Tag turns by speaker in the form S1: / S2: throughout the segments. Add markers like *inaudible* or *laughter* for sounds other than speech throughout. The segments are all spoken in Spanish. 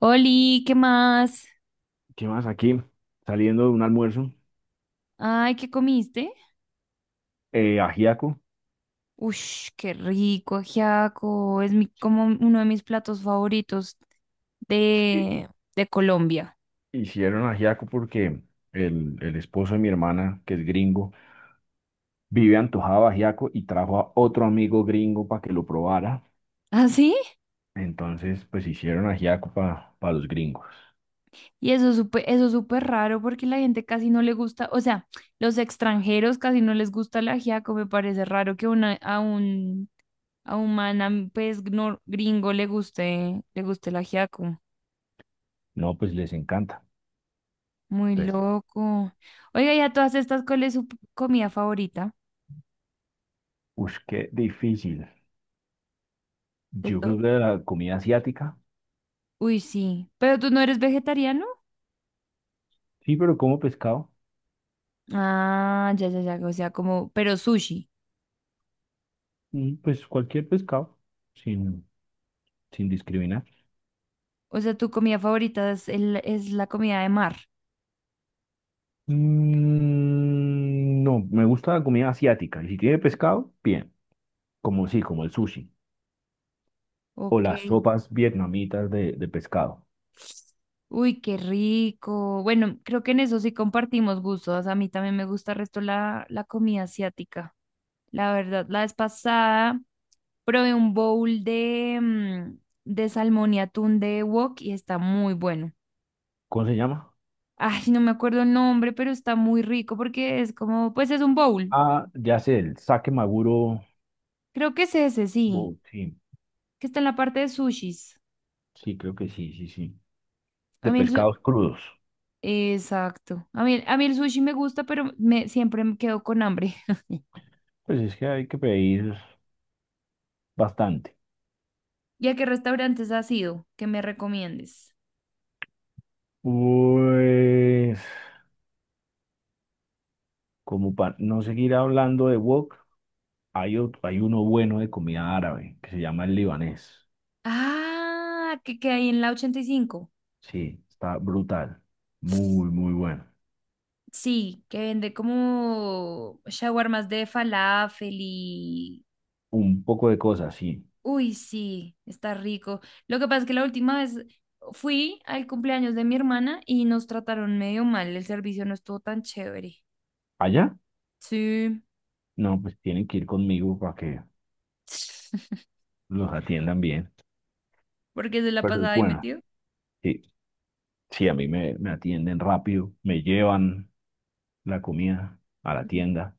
S1: Oli, ¿qué más?
S2: ¿Qué más aquí? Saliendo de un almuerzo,
S1: Ay, ¿qué comiste?
S2: ajiaco.
S1: Ush, qué rico, ajiaco. Es mi, como uno de mis platos favoritos
S2: Sí.
S1: de, de Colombia.
S2: Hicieron ajiaco porque el esposo de mi hermana, que es gringo, vive antojado de ajiaco y trajo a otro amigo gringo para que lo probara.
S1: *laughs* ¿Ah, sí?
S2: Entonces, pues hicieron ajiaco para los gringos.
S1: Y eso es súper raro porque la gente casi no le gusta, o sea, los extranjeros casi no les gusta el ajiaco. Me parece raro que una, a un man, gringo le guste el ajiaco.
S2: No, pues les encanta.
S1: Muy
S2: Entonces.
S1: loco. Oiga, ¿y a todas estas, ¿cuál es su comida favorita?
S2: Uff, qué difícil.
S1: ¿De
S2: Yo creo
S1: todo?
S2: que la comida asiática,
S1: Uy, sí. Pero tú no eres vegetariano.
S2: sí, pero como pescado,
S1: Ah, ya, ya, ya. O sea, como, pero sushi.
S2: pues cualquier pescado, sin, sin discriminar.
S1: O sea, tu comida favorita es, es la comida de mar.
S2: Mm, no, me gusta la comida asiática. Y si tiene pescado, bien. Como sí, como el sushi. O
S1: Ok.
S2: las sopas vietnamitas de pescado.
S1: Uy, qué rico. Bueno, creo que en eso sí compartimos gustos. A mí también me gusta el resto la, la comida asiática. La verdad, la vez pasada probé un bowl de, de salmón y atún de wok y está muy bueno.
S2: ¿Cómo se llama?
S1: Ay, no me acuerdo el nombre, pero está muy rico porque es como, pues es un bowl.
S2: Ah, ya sé, el sake maguro.
S1: Creo que es ese, sí,
S2: Oh, sí,
S1: que está en la parte de sushis.
S2: sí, creo que sí, sí, sí.
S1: A
S2: De
S1: mí el su-
S2: pescados crudos.
S1: Exacto. A mí el sushi me gusta, pero me, siempre me quedo con hambre. *laughs*
S2: Pues es que hay que pedir bastante.
S1: ¿Y a qué restaurantes has ido que me recomiendes?
S2: Pues, como para no seguir hablando de wok, hay uno bueno de comida árabe que se llama el libanés.
S1: Ah, que hay en la 85.
S2: Sí, está brutal. Muy, muy bueno.
S1: Sí, que vende como shawarmas de falafel y...
S2: Un poco de cosas, sí.
S1: Uy, sí, está rico. Lo que pasa es que la última vez fui al cumpleaños de mi hermana y nos trataron medio mal. El servicio no estuvo tan chévere.
S2: ¿Allá?
S1: Sí,
S2: No, pues tienen que ir conmigo para que
S1: *laughs*
S2: los atiendan bien.
S1: porque se la
S2: Pero es
S1: pasaba ahí
S2: bueno.
S1: metido.
S2: Sí, sí, a mí me atienden rápido, me llevan la comida a la tienda.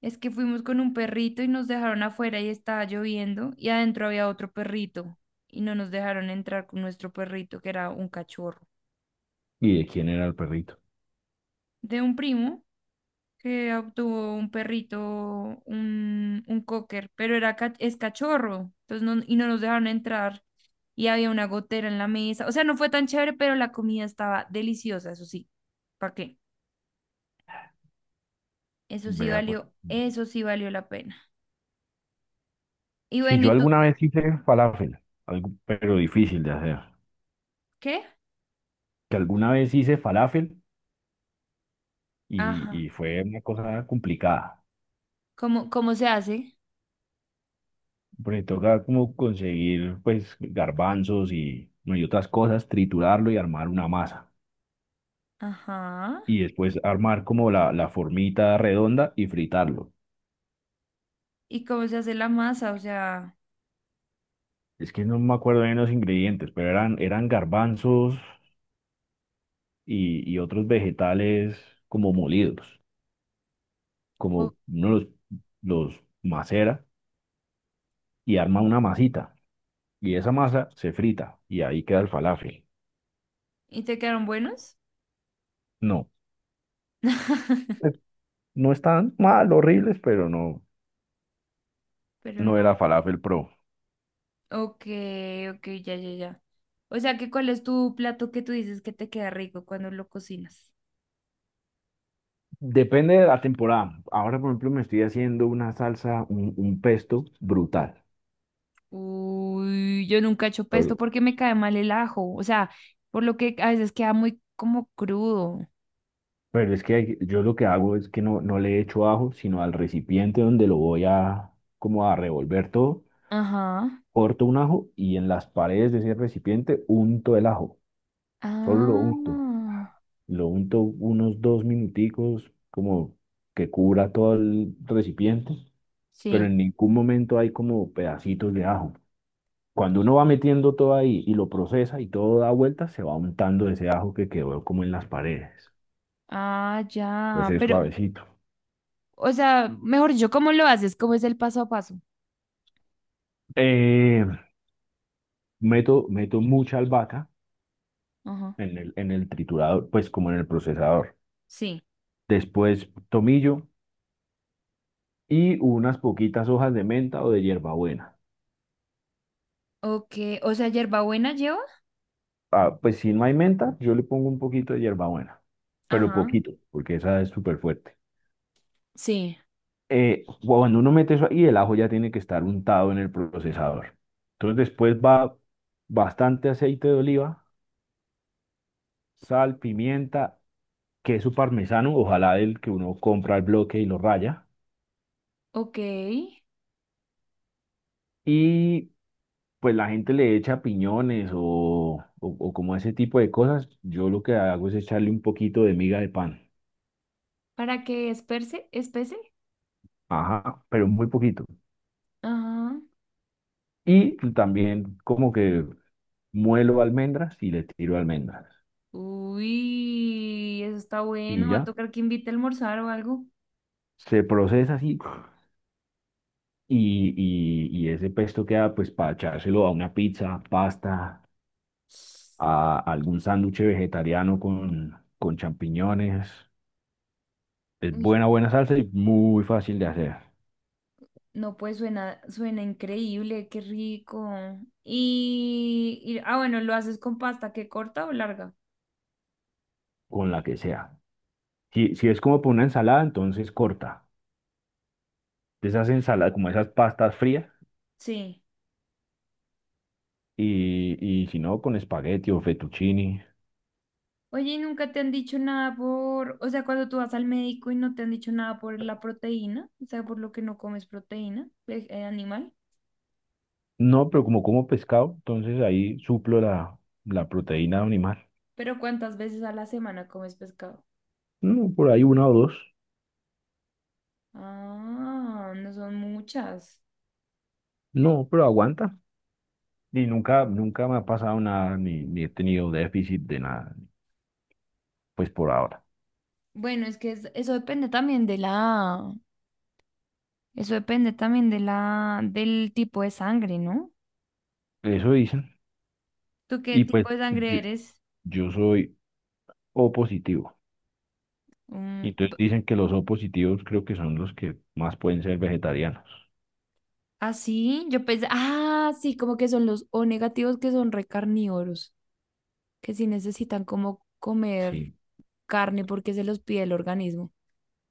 S1: Es que fuimos con un perrito y nos dejaron afuera y estaba lloviendo y adentro había otro perrito y no nos dejaron entrar con nuestro perrito que era un cachorro
S2: ¿Y de quién era el perrito?
S1: de un primo que obtuvo un perrito, un cocker, pero era es cachorro entonces no, y no nos dejaron entrar y había una gotera en la mesa. O sea, no fue tan chévere, pero la comida estaba deliciosa, eso sí. ¿Para qué?
S2: Vea, pues.
S1: Eso sí valió la pena. Y
S2: Si
S1: bueno,
S2: yo
S1: ¿y tú
S2: alguna vez hice falafel, algo, pero difícil de hacer.
S1: qué?
S2: Que alguna vez hice falafel
S1: Ajá.
S2: y fue una cosa complicada.
S1: ¿Cómo, cómo se hace?
S2: Porque toca como conseguir pues garbanzos y, no, y otras cosas, triturarlo y armar una masa.
S1: Ajá.
S2: Y después armar como la formita redonda y fritarlo.
S1: ¿Y cómo se hace la masa? O sea,
S2: Es que no me acuerdo bien los ingredientes, pero eran garbanzos y otros vegetales como molidos.
S1: o-
S2: Como uno los macera y arma una masita. Y esa masa se frita y ahí queda el falafel.
S1: ¿y te quedaron buenos?
S2: No,
S1: *laughs*
S2: eh, no están mal, horribles, pero no,
S1: Pero
S2: no
S1: no.
S2: era falafel pro.
S1: Ok, ok, ya, ya, ya. O sea, ¿que cuál es tu plato que tú dices que te queda rico cuando lo cocinas?
S2: Depende de la temporada. Ahora, por ejemplo, me estoy haciendo una salsa, un pesto brutal.
S1: Uy, yo nunca he hecho pesto
S2: Pero,
S1: porque me cae mal el ajo. O sea, por lo que a veces queda muy como crudo.
S2: pero es que yo lo que hago es que no, no le echo ajo, sino al recipiente donde lo voy a, como a revolver todo,
S1: Ajá.
S2: corto un ajo y en las paredes de ese recipiente unto el ajo. Solo lo
S1: Ah,
S2: unto. Lo unto unos dos minuticos, como que cubra todo el recipiente, pero
S1: sí.
S2: en ningún momento hay como pedacitos de ajo. Cuando uno va metiendo todo ahí y lo procesa y todo da vueltas, se va untando ese ajo que quedó como en las paredes.
S1: Ah, ya.
S2: Entonces es
S1: Pero
S2: suavecito.
S1: o sea, mejor dicho, ¿cómo lo haces? ¿Cómo es el paso a paso?
S2: Eh, Meto, meto mucha albahaca
S1: Ajá.
S2: en en el triturador, pues como en el procesador.
S1: Sí.
S2: Después tomillo y unas poquitas hojas de menta o de hierbabuena.
S1: Ok. O sea, hierbabuena lleva.
S2: Ah, pues si no hay menta, yo le pongo un poquito de hierbabuena, pero
S1: Ajá.
S2: poquito, porque esa es súper fuerte.
S1: Sí.
S2: Cuando uno mete eso ahí, el ajo ya tiene que estar untado en el procesador. Entonces después va bastante aceite de oliva, sal, pimienta, queso parmesano, ojalá el que uno compra al bloque y lo raya.
S1: Ok.
S2: Y pues la gente le echa piñones o como ese tipo de cosas. Yo lo que hago es echarle un poquito de miga de pan.
S1: ¿Para que esperse? ¿Espese?
S2: Ajá, pero muy poquito.
S1: Ajá.
S2: Y también como que muelo almendras y le tiro almendras.
S1: Uy, eso está
S2: Y
S1: bueno. Va a
S2: ya,
S1: tocar que invite a almorzar o algo.
S2: se procesa así Y, ese pesto queda pues para echárselo a una pizza, pasta, a algún sándwich vegetariano con champiñones. Es
S1: Uy,
S2: buena, buena salsa y muy fácil de hacer,
S1: no, pues suena, suena increíble, qué rico. Ah, bueno, ¿lo haces con pasta que corta o larga?
S2: con la que sea. Si, si es como para una ensalada, entonces corta. De esas ensaladas, como esas pastas frías,
S1: Sí.
S2: y, y si no, con espagueti o fettuccini.
S1: Oye, ¿y nunca te han dicho nada por, o sea, cuando tú vas al médico y no te han dicho nada por la proteína, o sea, por lo que no comes proteína animal,
S2: No, pero como como pescado, entonces ahí suplo la proteína animal.
S1: pero ¿cuántas veces a la semana comes pescado?
S2: No, por ahí una o dos.
S1: Ah, no son muchas.
S2: No, pero aguanta. Y nunca, nunca me ha pasado nada, ni, ni he tenido déficit de nada, pues por ahora.
S1: Bueno, eso depende también de la, eso depende también de la, del tipo de sangre, ¿no?
S2: Eso dicen.
S1: ¿Tú qué
S2: Y pues
S1: tipo de sangre eres?
S2: yo soy O positivo.
S1: Mm,
S2: Y
S1: b-
S2: entonces dicen que los O positivos creo que son los que más pueden ser vegetarianos.
S1: ¿Ah, así? Yo pensé, ah, sí, como que son los O negativos que son recarnívoros. Que sí necesitan como comer
S2: Sí.
S1: carne porque se los pide el organismo.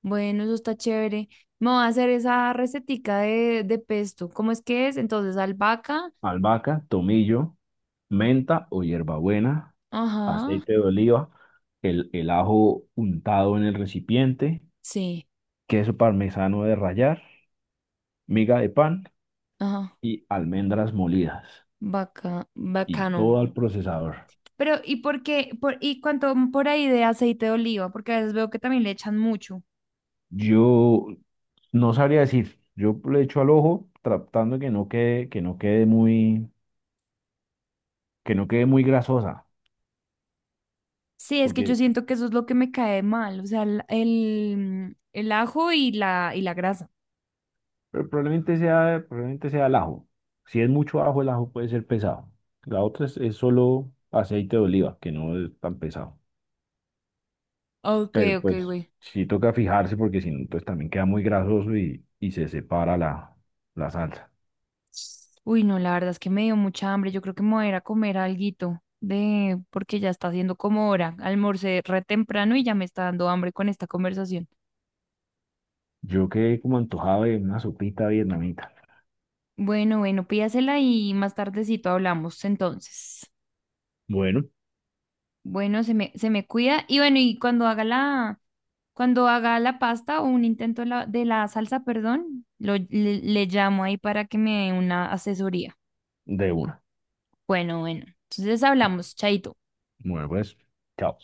S1: Bueno, eso está chévere. Me voy a hacer esa recetica de pesto. ¿Cómo es que es? Entonces, albahaca.
S2: Albahaca, tomillo, menta o hierbabuena,
S1: Ajá.
S2: aceite de oliva, el ajo untado en el recipiente,
S1: Sí.
S2: queso parmesano de rallar, miga de pan
S1: Ajá.
S2: y almendras molidas.
S1: Vaca,
S2: Y
S1: bacano.
S2: todo al procesador.
S1: Pero, ¿y por qué? Por, ¿y cuánto por ahí de aceite de oliva? Porque a veces veo que también le echan mucho.
S2: Yo no sabría decir, yo le echo al ojo tratando que no quede, que no quede muy grasosa,
S1: Sí, es que yo
S2: porque
S1: siento que eso es lo que me cae mal. O sea, el ajo y la grasa.
S2: pero probablemente sea el ajo. Si es mucho ajo, el ajo puede ser pesado. La otra es solo aceite de oliva, que no es tan pesado.
S1: Ok,
S2: Pero
S1: ok,
S2: pues
S1: güey.
S2: sí toca fijarse porque si no, pues también queda muy grasoso y se separa la salsa.
S1: Uy, no, la verdad es que me dio mucha hambre. Yo creo que me voy a ir a comer alguito de, porque ya está haciendo como hora. Almorcé re temprano y ya me está dando hambre con esta conversación.
S2: Yo quedé como antojado de una sopita vietnamita.
S1: Bueno, bueno, pídasela y más tardecito hablamos entonces.
S2: Bueno,
S1: Bueno, se me cuida. Y bueno, y cuando haga la pasta o un intento de la salsa, perdón, lo, le llamo ahí para que me dé una asesoría.
S2: de una.
S1: Bueno, bueno. Entonces hablamos, chaito.
S2: Bueno, pues, chao.